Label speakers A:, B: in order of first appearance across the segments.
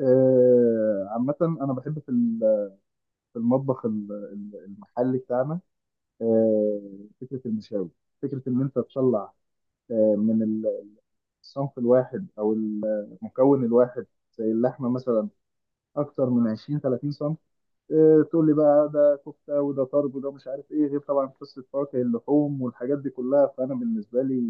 A: عامة أنا بحب في المطبخ المحلي بتاعنا، آه، فكرة المشاوي، فكرة إن أنت تطلع آه، من ال- الصنف الواحد أو المكون الواحد، زي اللحمة مثلا، أكتر من 20 30 صنف. تقول لي بقى ده كفتة وده طرب وده مش عارف إيه، غير طبعا قصة فواكه اللحوم والحاجات دي كلها. فأنا بالنسبة لي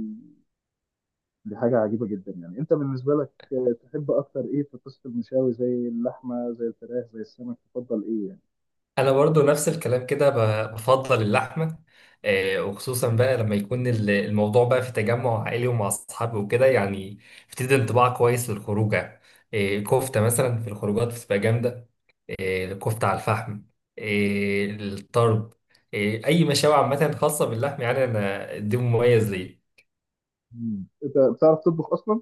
A: دي حاجة عجيبة جدا. يعني أنت بالنسبة لك، تحب أكتر إيه في قصة المشاوي؟ زي اللحمة زي الفراخ زي السمك، تفضل إيه يعني؟
B: انا برضو نفس الكلام كده بفضل اللحمه. آه، وخصوصا بقى لما يكون الموضوع بقى في تجمع عائلي ومع اصحابي وكده يعني. بتدي انطباع كويس للخروجه. آه، كفته مثلا في الخروجات بتبقى جامده. آه، كفته على الفحم. آه، الطرب. آه، اي مشاوي عامه خاصه باللحم، يعني انا دي مميز ليا.
A: مم. انت بتعرف تطبخ اصلا؟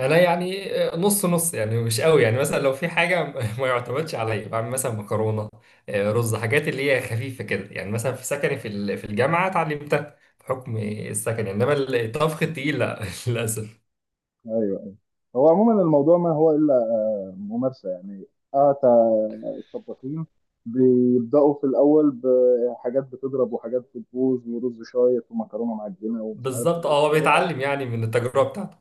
B: انا يعني آه، نص نص، يعني مش قوي، يعني مثلا لو في حاجه ما يعتمدش عليا. بعمل مثلا مكرونه، آه،
A: مم.
B: رز، حاجات اللي هي خفيفه كده، يعني مثلا في سكني، في الجامعه اتعلمتها بحكم
A: مم.
B: السكن، انما الطبخ التقيل لا للاسف.
A: ايوه ايوه. هو عموما الموضوع ما هو الا ممارسه يعني. اه تا- الطباخين بيبداوا في الاول بحاجات بتضرب وحاجات بتبوظ ورز شايط ومكرونه معجنه ومش عارف ايه
B: بالظبط،
A: في
B: اه، هو
A: النهاية.
B: بيتعلم يعني من التجربه بتاعته.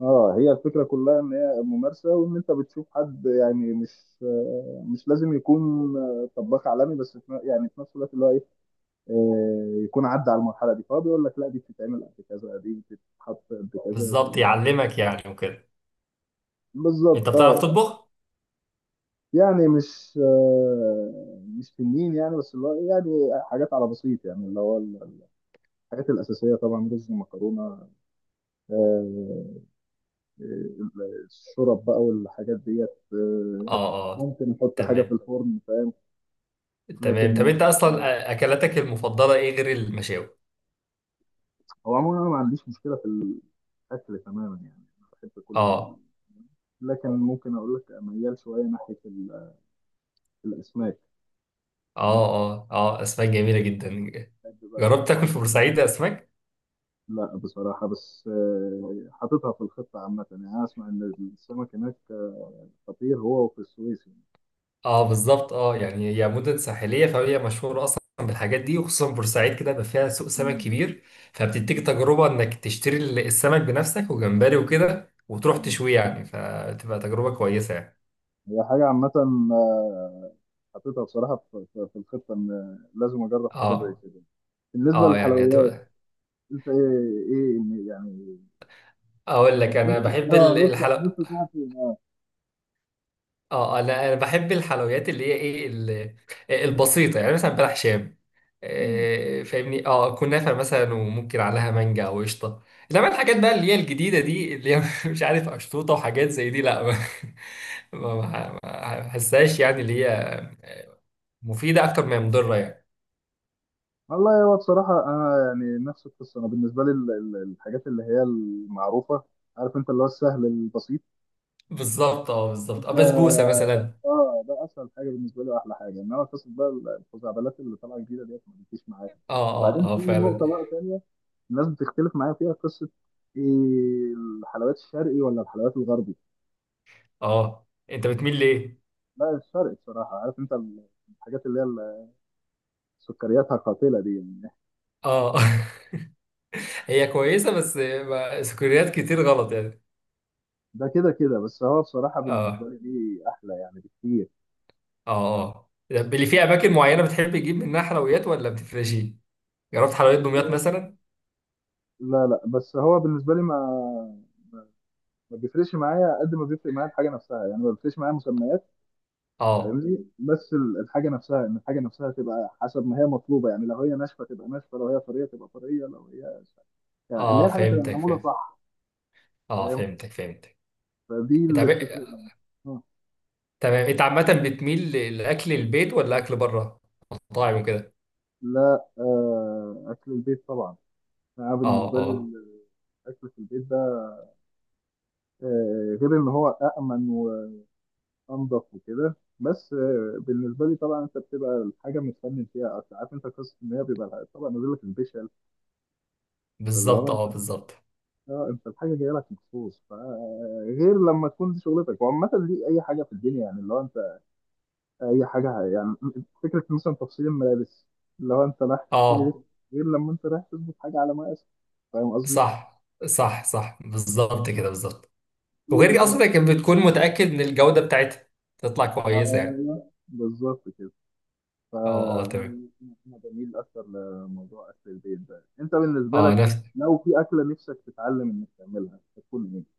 A: اه هي الفكره كلها ان هي ممارسه، وان انت بتشوف حد، يعني مش لازم يكون طباخ عالمي، بس يعني في نفس الوقت اللي هو ايه يكون عدى على المرحله دي، فهو بيقول لك لا دي بتتعمل قد كذا دي بتتحط قد كذا.
B: بالظبط يعلمك يعني وكده. انت
A: بالظبط
B: بتعرف
A: اه.
B: تطبخ؟
A: يعني مش تنين يعني، بس اللي هو يعني حاجات على بسيط، يعني اللي هو الحاجات الأساسية طبعا، رز مكرونة. آه آه، الشرب بقى والحاجات ديت.
B: اه، اه،
A: ممكن نحط حاجة في
B: تمام.
A: الفرن، فاهم؟ لكن
B: تمام، طب انت
A: مش...
B: اصلا آه، اكلاتك المفضله ايه غير المشاوي؟
A: هو عموما أنا ما عنديش مشكلة في الأكل تماما، يعني أنا بحب كل ال...
B: اه،
A: لكن ممكن أقول لك ميال شوية ناحية الأسماك. تمام.
B: اه، اه، اه، اسماك جميله جدا.
A: بحب بقى
B: جربت
A: الفرن.
B: تاكل في بورسعيد اسماك؟
A: لا بصراحة بس حاططها في الخطة عامة. يعني أنا أسمع إن السمك هناك خطير، هو وفي السويس يعني.
B: اه بالظبط، اه، يعني هي مدن ساحليه فهي مشهوره اصلا بالحاجات دي، وخصوصا بورسعيد كده بقى فيها سوق سمك
A: مم.
B: كبير. فبتديك
A: مم.
B: تجربه انك تشتري السمك بنفسك وجمبري وكده وتروح
A: مم.
B: تشويه، يعني فتبقى تجربه كويسه يعني.
A: هي حاجة عامة، حاططها بصراحة في الخطة إن لازم أجرب حاجة زي
B: اه،
A: كده. بالنسبة
B: اه، يعني
A: للحلويات
B: هتبقى.
A: أنت إيه؟ إيه يعني
B: اقول لك انا
A: نفسك-
B: بحب
A: آه نفسك
B: الحلويات.
A: نفسك تعرف إيه؟
B: اه آه، لا انا بحب الحلويات اللي هي ايه آه، البسيطه، يعني مثلا بلح شام،
A: مم.
B: آه، فاهمني، اه كنافه مثلا، وممكن عليها مانجا او قشطه. انما الحاجات بقى اللي هي الجديده دي اللي هي مش عارف اشطوطه وحاجات زي دي، لا، ما ما بحسهاش يعني، اللي هي مفيده اكتر ما هي مضره يعني.
A: والله هو بصراحة أنا يعني نفس القصة. أنا بالنسبة لي الحاجات اللي هي المعروفة، عارف أنت، اللي هو السهل البسيط.
B: بالظبط اه، بالظبط اه، بسبوسه مثلا.
A: اه ده اسهل حاجه بالنسبه لي واحلى حاجه، انما قصه بقى الخزعبلات اللي طالعه جديده ديت ما بتجيش معايا.
B: اه،
A: وبعدين
B: اه، اه،
A: في
B: فعلا.
A: نقطه بقى ثانيه، الناس بتختلف معايا فيها، قصه إيه؟ الحلويات الشرقي ولا الحلويات الغربي؟
B: اه، انت بتميل ليه؟
A: لا الشرقي بصراحه. عارف انت الحاجات اللي هي سكرياتها قاتله دي يعني.
B: اه هي كويسه، بس سكريات كتير غلط يعني.
A: ده كده كده، بس هو بصراحه بالنسبه
B: اه،
A: لي دي احلى يعني بكتير.
B: اه، طب اللي فيه اماكن معينه بتحب تجيب منها حلويات ولا بتفرشي؟ جربت حلويات دمياط مثلا؟
A: لا لا، بس هو بالنسبه لي ما ما بيفرقش معايا قد ما بيفرق معايا الحاجه نفسها. يعني ما بيفرقش معايا مسميات،
B: اه،
A: فاهمني؟ بس الحاجه نفسها، ان الحاجه نفسها تبقى حسب ما هي مطلوبه. يعني لو هي ناشفه تبقى ناشفه، لو هي طريه تبقى طريه، لو هي يعني اللي هي
B: اه،
A: الحاجه تبقى
B: فهمتك،
A: معموله
B: فهمت.
A: صح،
B: اه
A: فاهم؟
B: فهمتك فهمتك.
A: فدي
B: إنت
A: اللي
B: عم-
A: بتفرق. آه.
B: تمام، انت عامه بتميل لاكل البيت ولا اكل بره مطاعم وكده؟
A: لا آه اكل البيت طبعا. انا
B: اه،
A: بالنسبه لي
B: اه
A: الاكل في البيت ده آه غير ان هو امن وانضف وكده، بس آه بالنسبه لي طبعا انت بتبقى الحاجه متفنن فيها أكتر. عارف انت قصه ان هي بيبقى طبعا نازل لك البيشل، فاللي
B: بالظبط،
A: هو
B: اه بالظبط
A: اه انت الحاجه جايه لك مخصوص. فغير لما تكون دي شغلتك، وعامه دي اي حاجه في الدنيا يعني، اللي هو انت اي حاجه يعني، فكره مثلا تفصيل الملابس، اللي هو انت رايح تشتري
B: اه.
A: لبس غير لما انت رايح تظبط حاجه على مقاسك، فاهم قصدي؟
B: صح، صح، صح، بالظبط كده بالظبط.
A: دي
B: وغير
A: وجهه
B: كده
A: نظري.
B: اصلا كانت بتكون متاكد ان الجوده بتاعتها تطلع كويسه يعني.
A: ايوه بالظبط كده. ف
B: اه، اه، تمام.
A: انا بميل اكتر لموضوع اكل البيت ده. انت بالنسبه
B: اه،
A: لك لو في اكله نفسك تتعلم انك تعملها هتكون ايه؟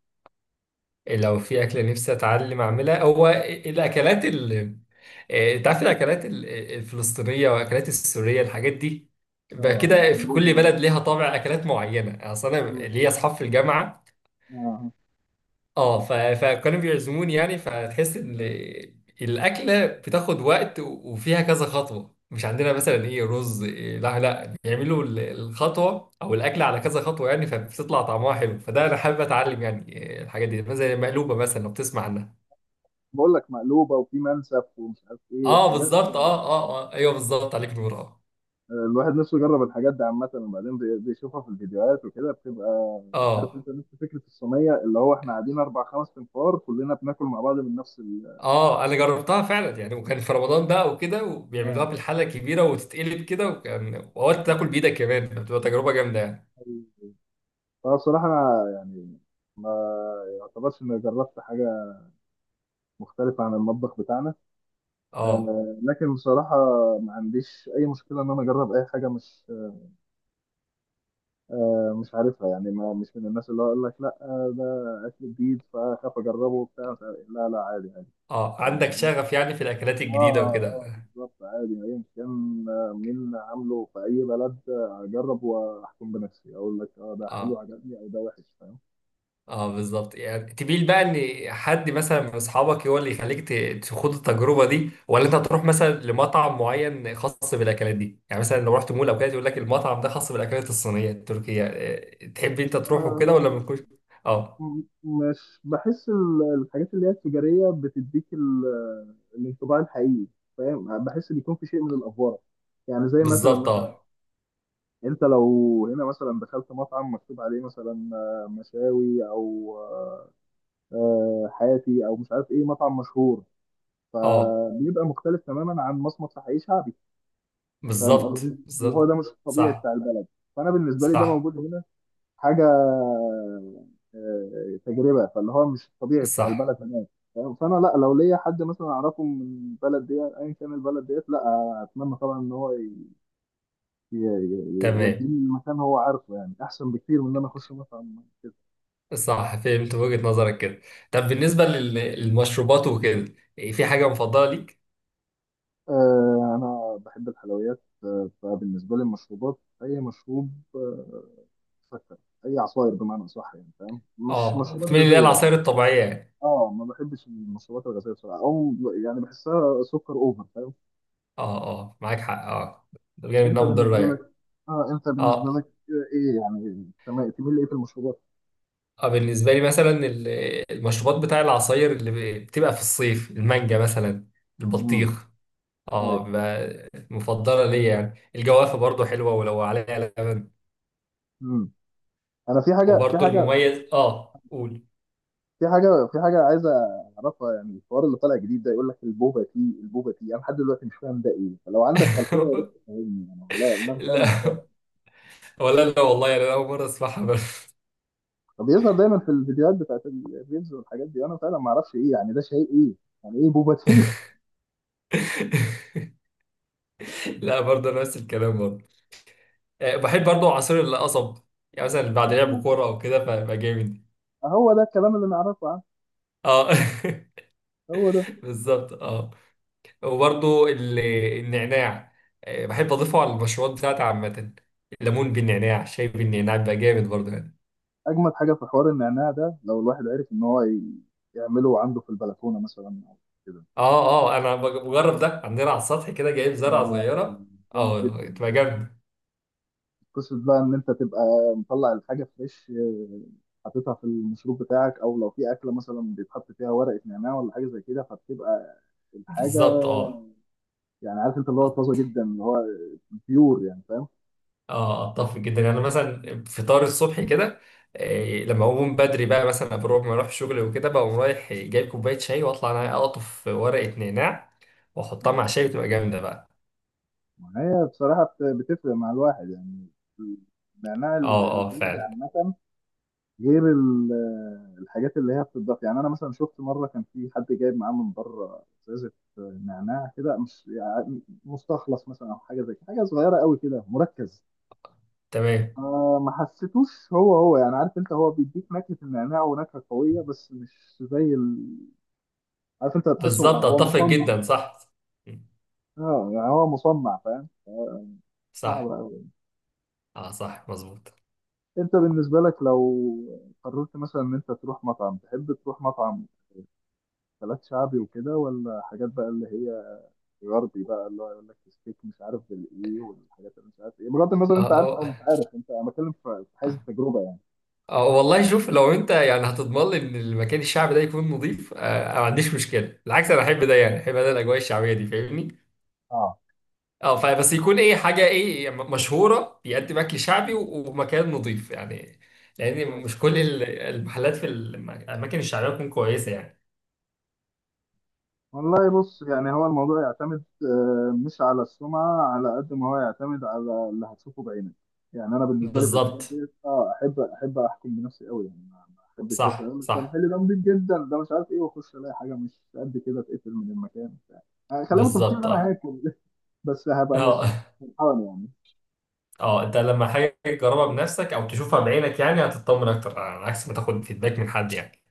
B: لو في أكلة نفسي أتعلم أعملها، هو الأكلات آه، أنت عارف الأكلات الفلسطينية وأكلات السورية، الحاجات دي بقى
A: اه
B: كده في كل
A: المقلوبه.
B: بلد ليها طابع أكلات معينة. أصل أنا ليا أصحاب في الجامعة،
A: اه
B: أه فكانوا بيعزموني يعني، فتحس إن الأكلة بتاخد وقت وفيها كذا خطوة، مش عندنا مثلا إيه رز إيه، لا لا، بيعملوا الخطوة أو الأكلة على كذا خطوة يعني، فبتطلع طعمها حلو. فده أنا حابب أتعلم يعني آه، الحاجات دي مثلا زي المقلوبة مثلا، لو بتسمع عنها.
A: بقول لك مقلوبه وفي منسف ومش عارف ايه
B: اه
A: حاجات.
B: بالظبط، اه، اه، اه، ايوه بالظبط، عليك نور اه.
A: الواحد نفسه يجرب الحاجات دي عامه. وبعدين بيشوفها في الفيديوهات وكده، بتبقى عارف
B: اه،
A: انت نفس فكره الصينيه، اللي هو احنا قاعدين اربع خمس تنفار كلنا بناكل مع بعض من نفس ال...
B: اه، انا جربتها فعلا يعني، وكان في رمضان بقى وكده، وبيعملوها
A: اه.
B: بالحله الكبيره وتتقلب كده، واوقات تاكل بايدك كمان، فبتبقى تجربه جامده يعني.
A: فبصراحه انا يعني ما يعتبرش اني جربت حاجه مختلفه عن المطبخ بتاعنا،
B: اه،
A: لكن بصراحه ما عنديش اي مشكله ان انا اجرب اي حاجه مش مش عارفها يعني. ما مش من الناس اللي هو يقول لك لا، ده اكل جديد فاخاف اجربه وبتاع مش عارف إيه. لا لا، عادي عادي.
B: اه،
A: فاهم
B: عندك
A: قصدي؟
B: شغف يعني في الاكلات
A: اه
B: الجديده وكده؟
A: اه بالظبط. عادي ايا كان مين عامله في اي بلد، اجرب واحكم بنفسي، اقول لك اه ده حلو
B: اه،
A: عجبني او ده وحش، فاهم؟
B: اه بالظبط، يعني تبيل بقى ان حد مثلا من اصحابك هو اللي يخليك تخوض التجربه دي، ولا انت تروح مثلا لمطعم معين خاص بالاكلات دي يعني، مثلا لو رحت مول او كده يقول لك المطعم ده خاص بالاكلات الصينيه التركيه آه، تحب انت تروح وكده
A: آه،
B: ولا ما تكونش. اه
A: مش بحس الحاجات اللي هي التجاريه بتديك الانطباع الحقيقي، فاهم؟ بحس بيكون في شيء من الافوره. يعني زي مثلا
B: بالظبط،
A: مثلا
B: اه،
A: انت لو هنا مثلا دخلت مطعم مكتوب عليه مثلا مشاوي او حاتي او مش عارف ايه مطعم مشهور،
B: اه
A: فبيبقى مختلف تماما عن مصمت في حي شعبي. فاهم
B: بالظبط
A: قصدي؟ اللي هو
B: بالظبط.
A: ده مش الطبيعي بتاع
B: صح،
A: البلد. فانا بالنسبه لي ده
B: صح،
A: موجود هنا حاجه تجربه. فاللي هو مش الطبيعي بتاع
B: صح.
A: البلد هناك، فاهم؟ فانا لا، لو ليا حد مثلا اعرفه من البلد ديت، ايا كان البلد ديت، لا اتمنى طبعا ان هو
B: تمام،
A: يوديني المكان هو عارفه، يعني احسن بكتير من ان انا اخش مطعم.
B: صح فهمت وجهة نظرك كده. طب بالنسبه للمشروبات وكده إيه، في حاجه مفضله ليك؟
A: آه انا بحب الحلويات. آه فبالنسبه لي المشروبات اي مشروب مسكر، اي عصاير بمعنى اصح يعني، فاهم؟ مش
B: اه،
A: مشروبات
B: بتميل اللي هي
A: غازيه
B: العصائر
A: يعني.
B: الطبيعيه يعني.
A: اه ما بحبش المشروبات الغازيه بصراحه، او يعني بحسها سكر اوفر، فاهم؟
B: اه، اه، معاك حق اه. ده جاي
A: انت
B: منها مضرة
A: بالنسبه لك؟
B: يعني.
A: اه انت بالنسبه
B: اه،
A: لك ايه يعني، تمام تميل لايه في المشروبات؟
B: اه، بالنسبة لي مثلا المشروبات بتاع العصاير اللي بتبقى في الصيف، المانجا مثلا،
A: امم.
B: البطيخ. اه،
A: ايوه.
B: مفضلة ليا يعني. الجوافة برضو حلوة ولو عليها لبن.
A: امم. انا في حاجه في
B: وبرضو
A: حاجه
B: المميز اه قول.
A: في حاجة في حاجة عايز أعرفها. يعني الحوار اللي طالع جديد ده يقول لك البوبا تي، أنا لحد دلوقتي مش فاهم ده إيه. فلو عندك خلفية يا ريت تفهمني، أنا والله أنا فعلا مش فاهم.
B: لا، ولا لا والله، يعني انا اول مرة اسمعها بس.
A: طب بيظهر دايما في الفيديوهات بتاعت الريلز والحاجات دي، أنا فعلا ما أعرفش إيه يعني ده شيء إيه. يعني إيه بوبا تي؟
B: لا، برضو نفس الكلام برضو. آه، بحب برضو عصير القصب، يعني مثلا بعد لعب كورة او كده فبقى جامد.
A: هو ده الكلام اللي نعرفه عنه.
B: اه
A: هو ده.
B: بالظبط اه. وبرضو النعناع، آه، بحب اضيفه على المشروبات بتاعتي عامه. الليمون بالنعناع، شاي بالنعناع، بيبقى جامد برضو يعني.
A: أجمد حاجة في حوار النعناع ده، لو الواحد عرف إن هو يعمله عنده في البلكونة مثلا أو كده.
B: اه، اه، انا بجرب ده عندنا على السطح كده، جايب زرعه
A: آه،
B: صغيره.
A: جامد
B: اه
A: جدا.
B: تبقى جامده.
A: قصة بقى إن أنت تبقى مطلع الحاجة فريش، حاططها في المشروب بتاعك، أو لو في أكلة مثلا بيتحط فيها ورقة نعناع ولا حاجة زي كده، فبتبقى الحاجة
B: بالظبط اه.
A: يعني عارف أنت اللي هو طازة جدا، اللي هو بيور يعني، فاهم؟
B: اه اتفق جدا يعني، أنا مثلا فطار الصبح كده آه، لما اقوم بدري بقى مثلا ما اروح شغل وكده، بقوم رايح جايب كوبايه شاي واطلع انا اقطف ورقه نعناع واحطها مع شاي، بتبقى جامده بقى.
A: ما هي بصراحة بتفرق مع الواحد يعني. النعناع
B: اه، اه،
A: البلدي
B: فعلا.
A: عامة، غير الحاجات اللي هي بتضاف. يعني أنا مثلا شفت مرة كان في حد جايب معاه من بره إزازة نعناع كده، مش يعني مستخلص مثلا أو حاجة زي كده، حاجة صغيرة قوي كده مركز.
B: تمام
A: آه ما حسيتوش هو هو يعني، عارف انت، هو بيديك نكهة النعناع ونكهة قوية، بس مش زي ال... عارف انت هتحسه
B: بالظبط،
A: هو
B: اتفق
A: مصنع.
B: جدا صح.
A: اه يعني هو مصنع، فاهم؟ آه صعب
B: صح
A: قوي.
B: اه، صح مظبوط.
A: انت بالنسبة لك لو قررت مثلا ان انت تروح مطعم، تحب تروح مطعم اكلات شعبي وكده، ولا حاجات بقى اللي هي غربي بقى، اللي هو يقول لك ستيك مش عارف بالايه والحاجات اللي مش عارف ايه، بغض النظر
B: اه،
A: انت عارف
B: اه،
A: او مش عارف، انت انا بتكلم في حيز التجربة يعني.
B: اه والله، شوف لو انت يعني هتضمن لي ان المكان الشعبي ده يكون نظيف آه، انا ما عنديش مشكله، بالعكس انا احب ده يعني، احب انا الاجواء الشعبيه دي فاهمني. اه، فبس يكون ايه، حاجه ايه، مشهوره بيقدم اكل شعبي ومكان نظيف يعني. لان
A: اه
B: مش كل المحلات في الاماكن الشعبيه تكون كويسه يعني.
A: والله بص، يعني هو الموضوع يعتمد مش على السمعة، على قد ما هو يعتمد على اللي هتشوفه بعينك. يعني أنا بالنسبة لي في الحاجات
B: بالظبط
A: دي اه أحب أحكم بنفسي قوي يعني. ما أحبش بس
B: صح،
A: أقول لك ده
B: صح
A: محل ده نضيف جدا ده مش عارف إيه، وأخش ألاقي حاجة مش قد كده، اتقفل من المكان بتاع. يعني خلينا متفقين إن
B: بالظبط.
A: أنا
B: اه،
A: هاكل بس هبقى مش
B: اه
A: فرحان يعني.
B: اه، انت لما حاجه تجربها بنفسك او تشوفها بعينك يعني هتطمن اكتر، على عكس ما تاخد فيدباك من حد يعني.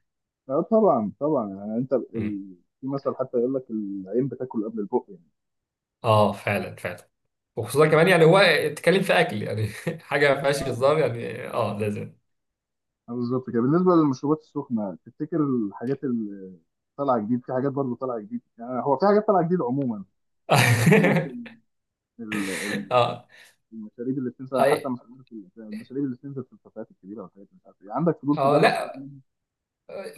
A: طبعا طبعا يعني أنت
B: امم.
A: ال... في مثل حتى يقول لك العين بتاكل قبل البق يعني.
B: اه فعلا فعلا. وخصوصا كمان يعني هو اتكلم في اكل، يعني حاجه ما فيهاش
A: آه،
B: هزار يعني، اه لازم.
A: بالظبط كده. بالنسبه للمشروبات السخنه، تفتكر الحاجات اللي طالعه جديد، في حاجات برضه طالعه جديد، يعني هو في حاجات طالعه جديد عموما، بس بقول لك، ال- ال-
B: اه،
A: المشاريب اللي بتنزل
B: اي،
A: حتى مش عارف المشاريب اللي بتنزل في الكافيهات الكبيره والحاجات مش عارف ايه، عندك فضول
B: اه
A: تجرب حاجه
B: لا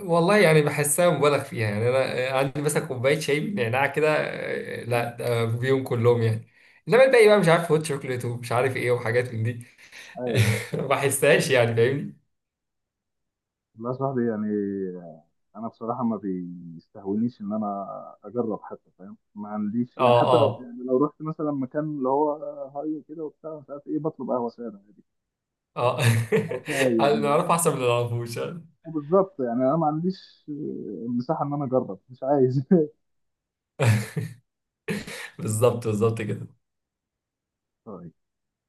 B: والله، يعني بحسها مبالغ فيها يعني. انا عندي مثلا كوبايه شاي بالنعناع كده آه،
A: منهم؟
B: لا ده بيهم كلهم يعني. انما الباقي بقى مش عارف هوت شوكليت ومش عارف ايه وحاجات من دي.
A: ايوه.
B: ما بحسهاش يعني فاهمني.
A: والله يا صاحبي يعني، انا بصراحه ما بيستهونيش ان انا اجرب حتى، فاهم؟ ما عنديش يعني،
B: اه،
A: حتى لو
B: اه،
A: يعني لو رحت مثلا مكان اللي هو هاي كده وبتاع مش عارف ايه، بطلب قهوه ساده عادي
B: اه
A: او شاي
B: اللي
A: يعني.
B: نعرفه احسن من اللي ما نعرفوش.
A: بالظبط، يعني انا ما عنديش مساحه ان انا اجرب، مش عايز
B: بالظبط، بالظبط كده.
A: طيب.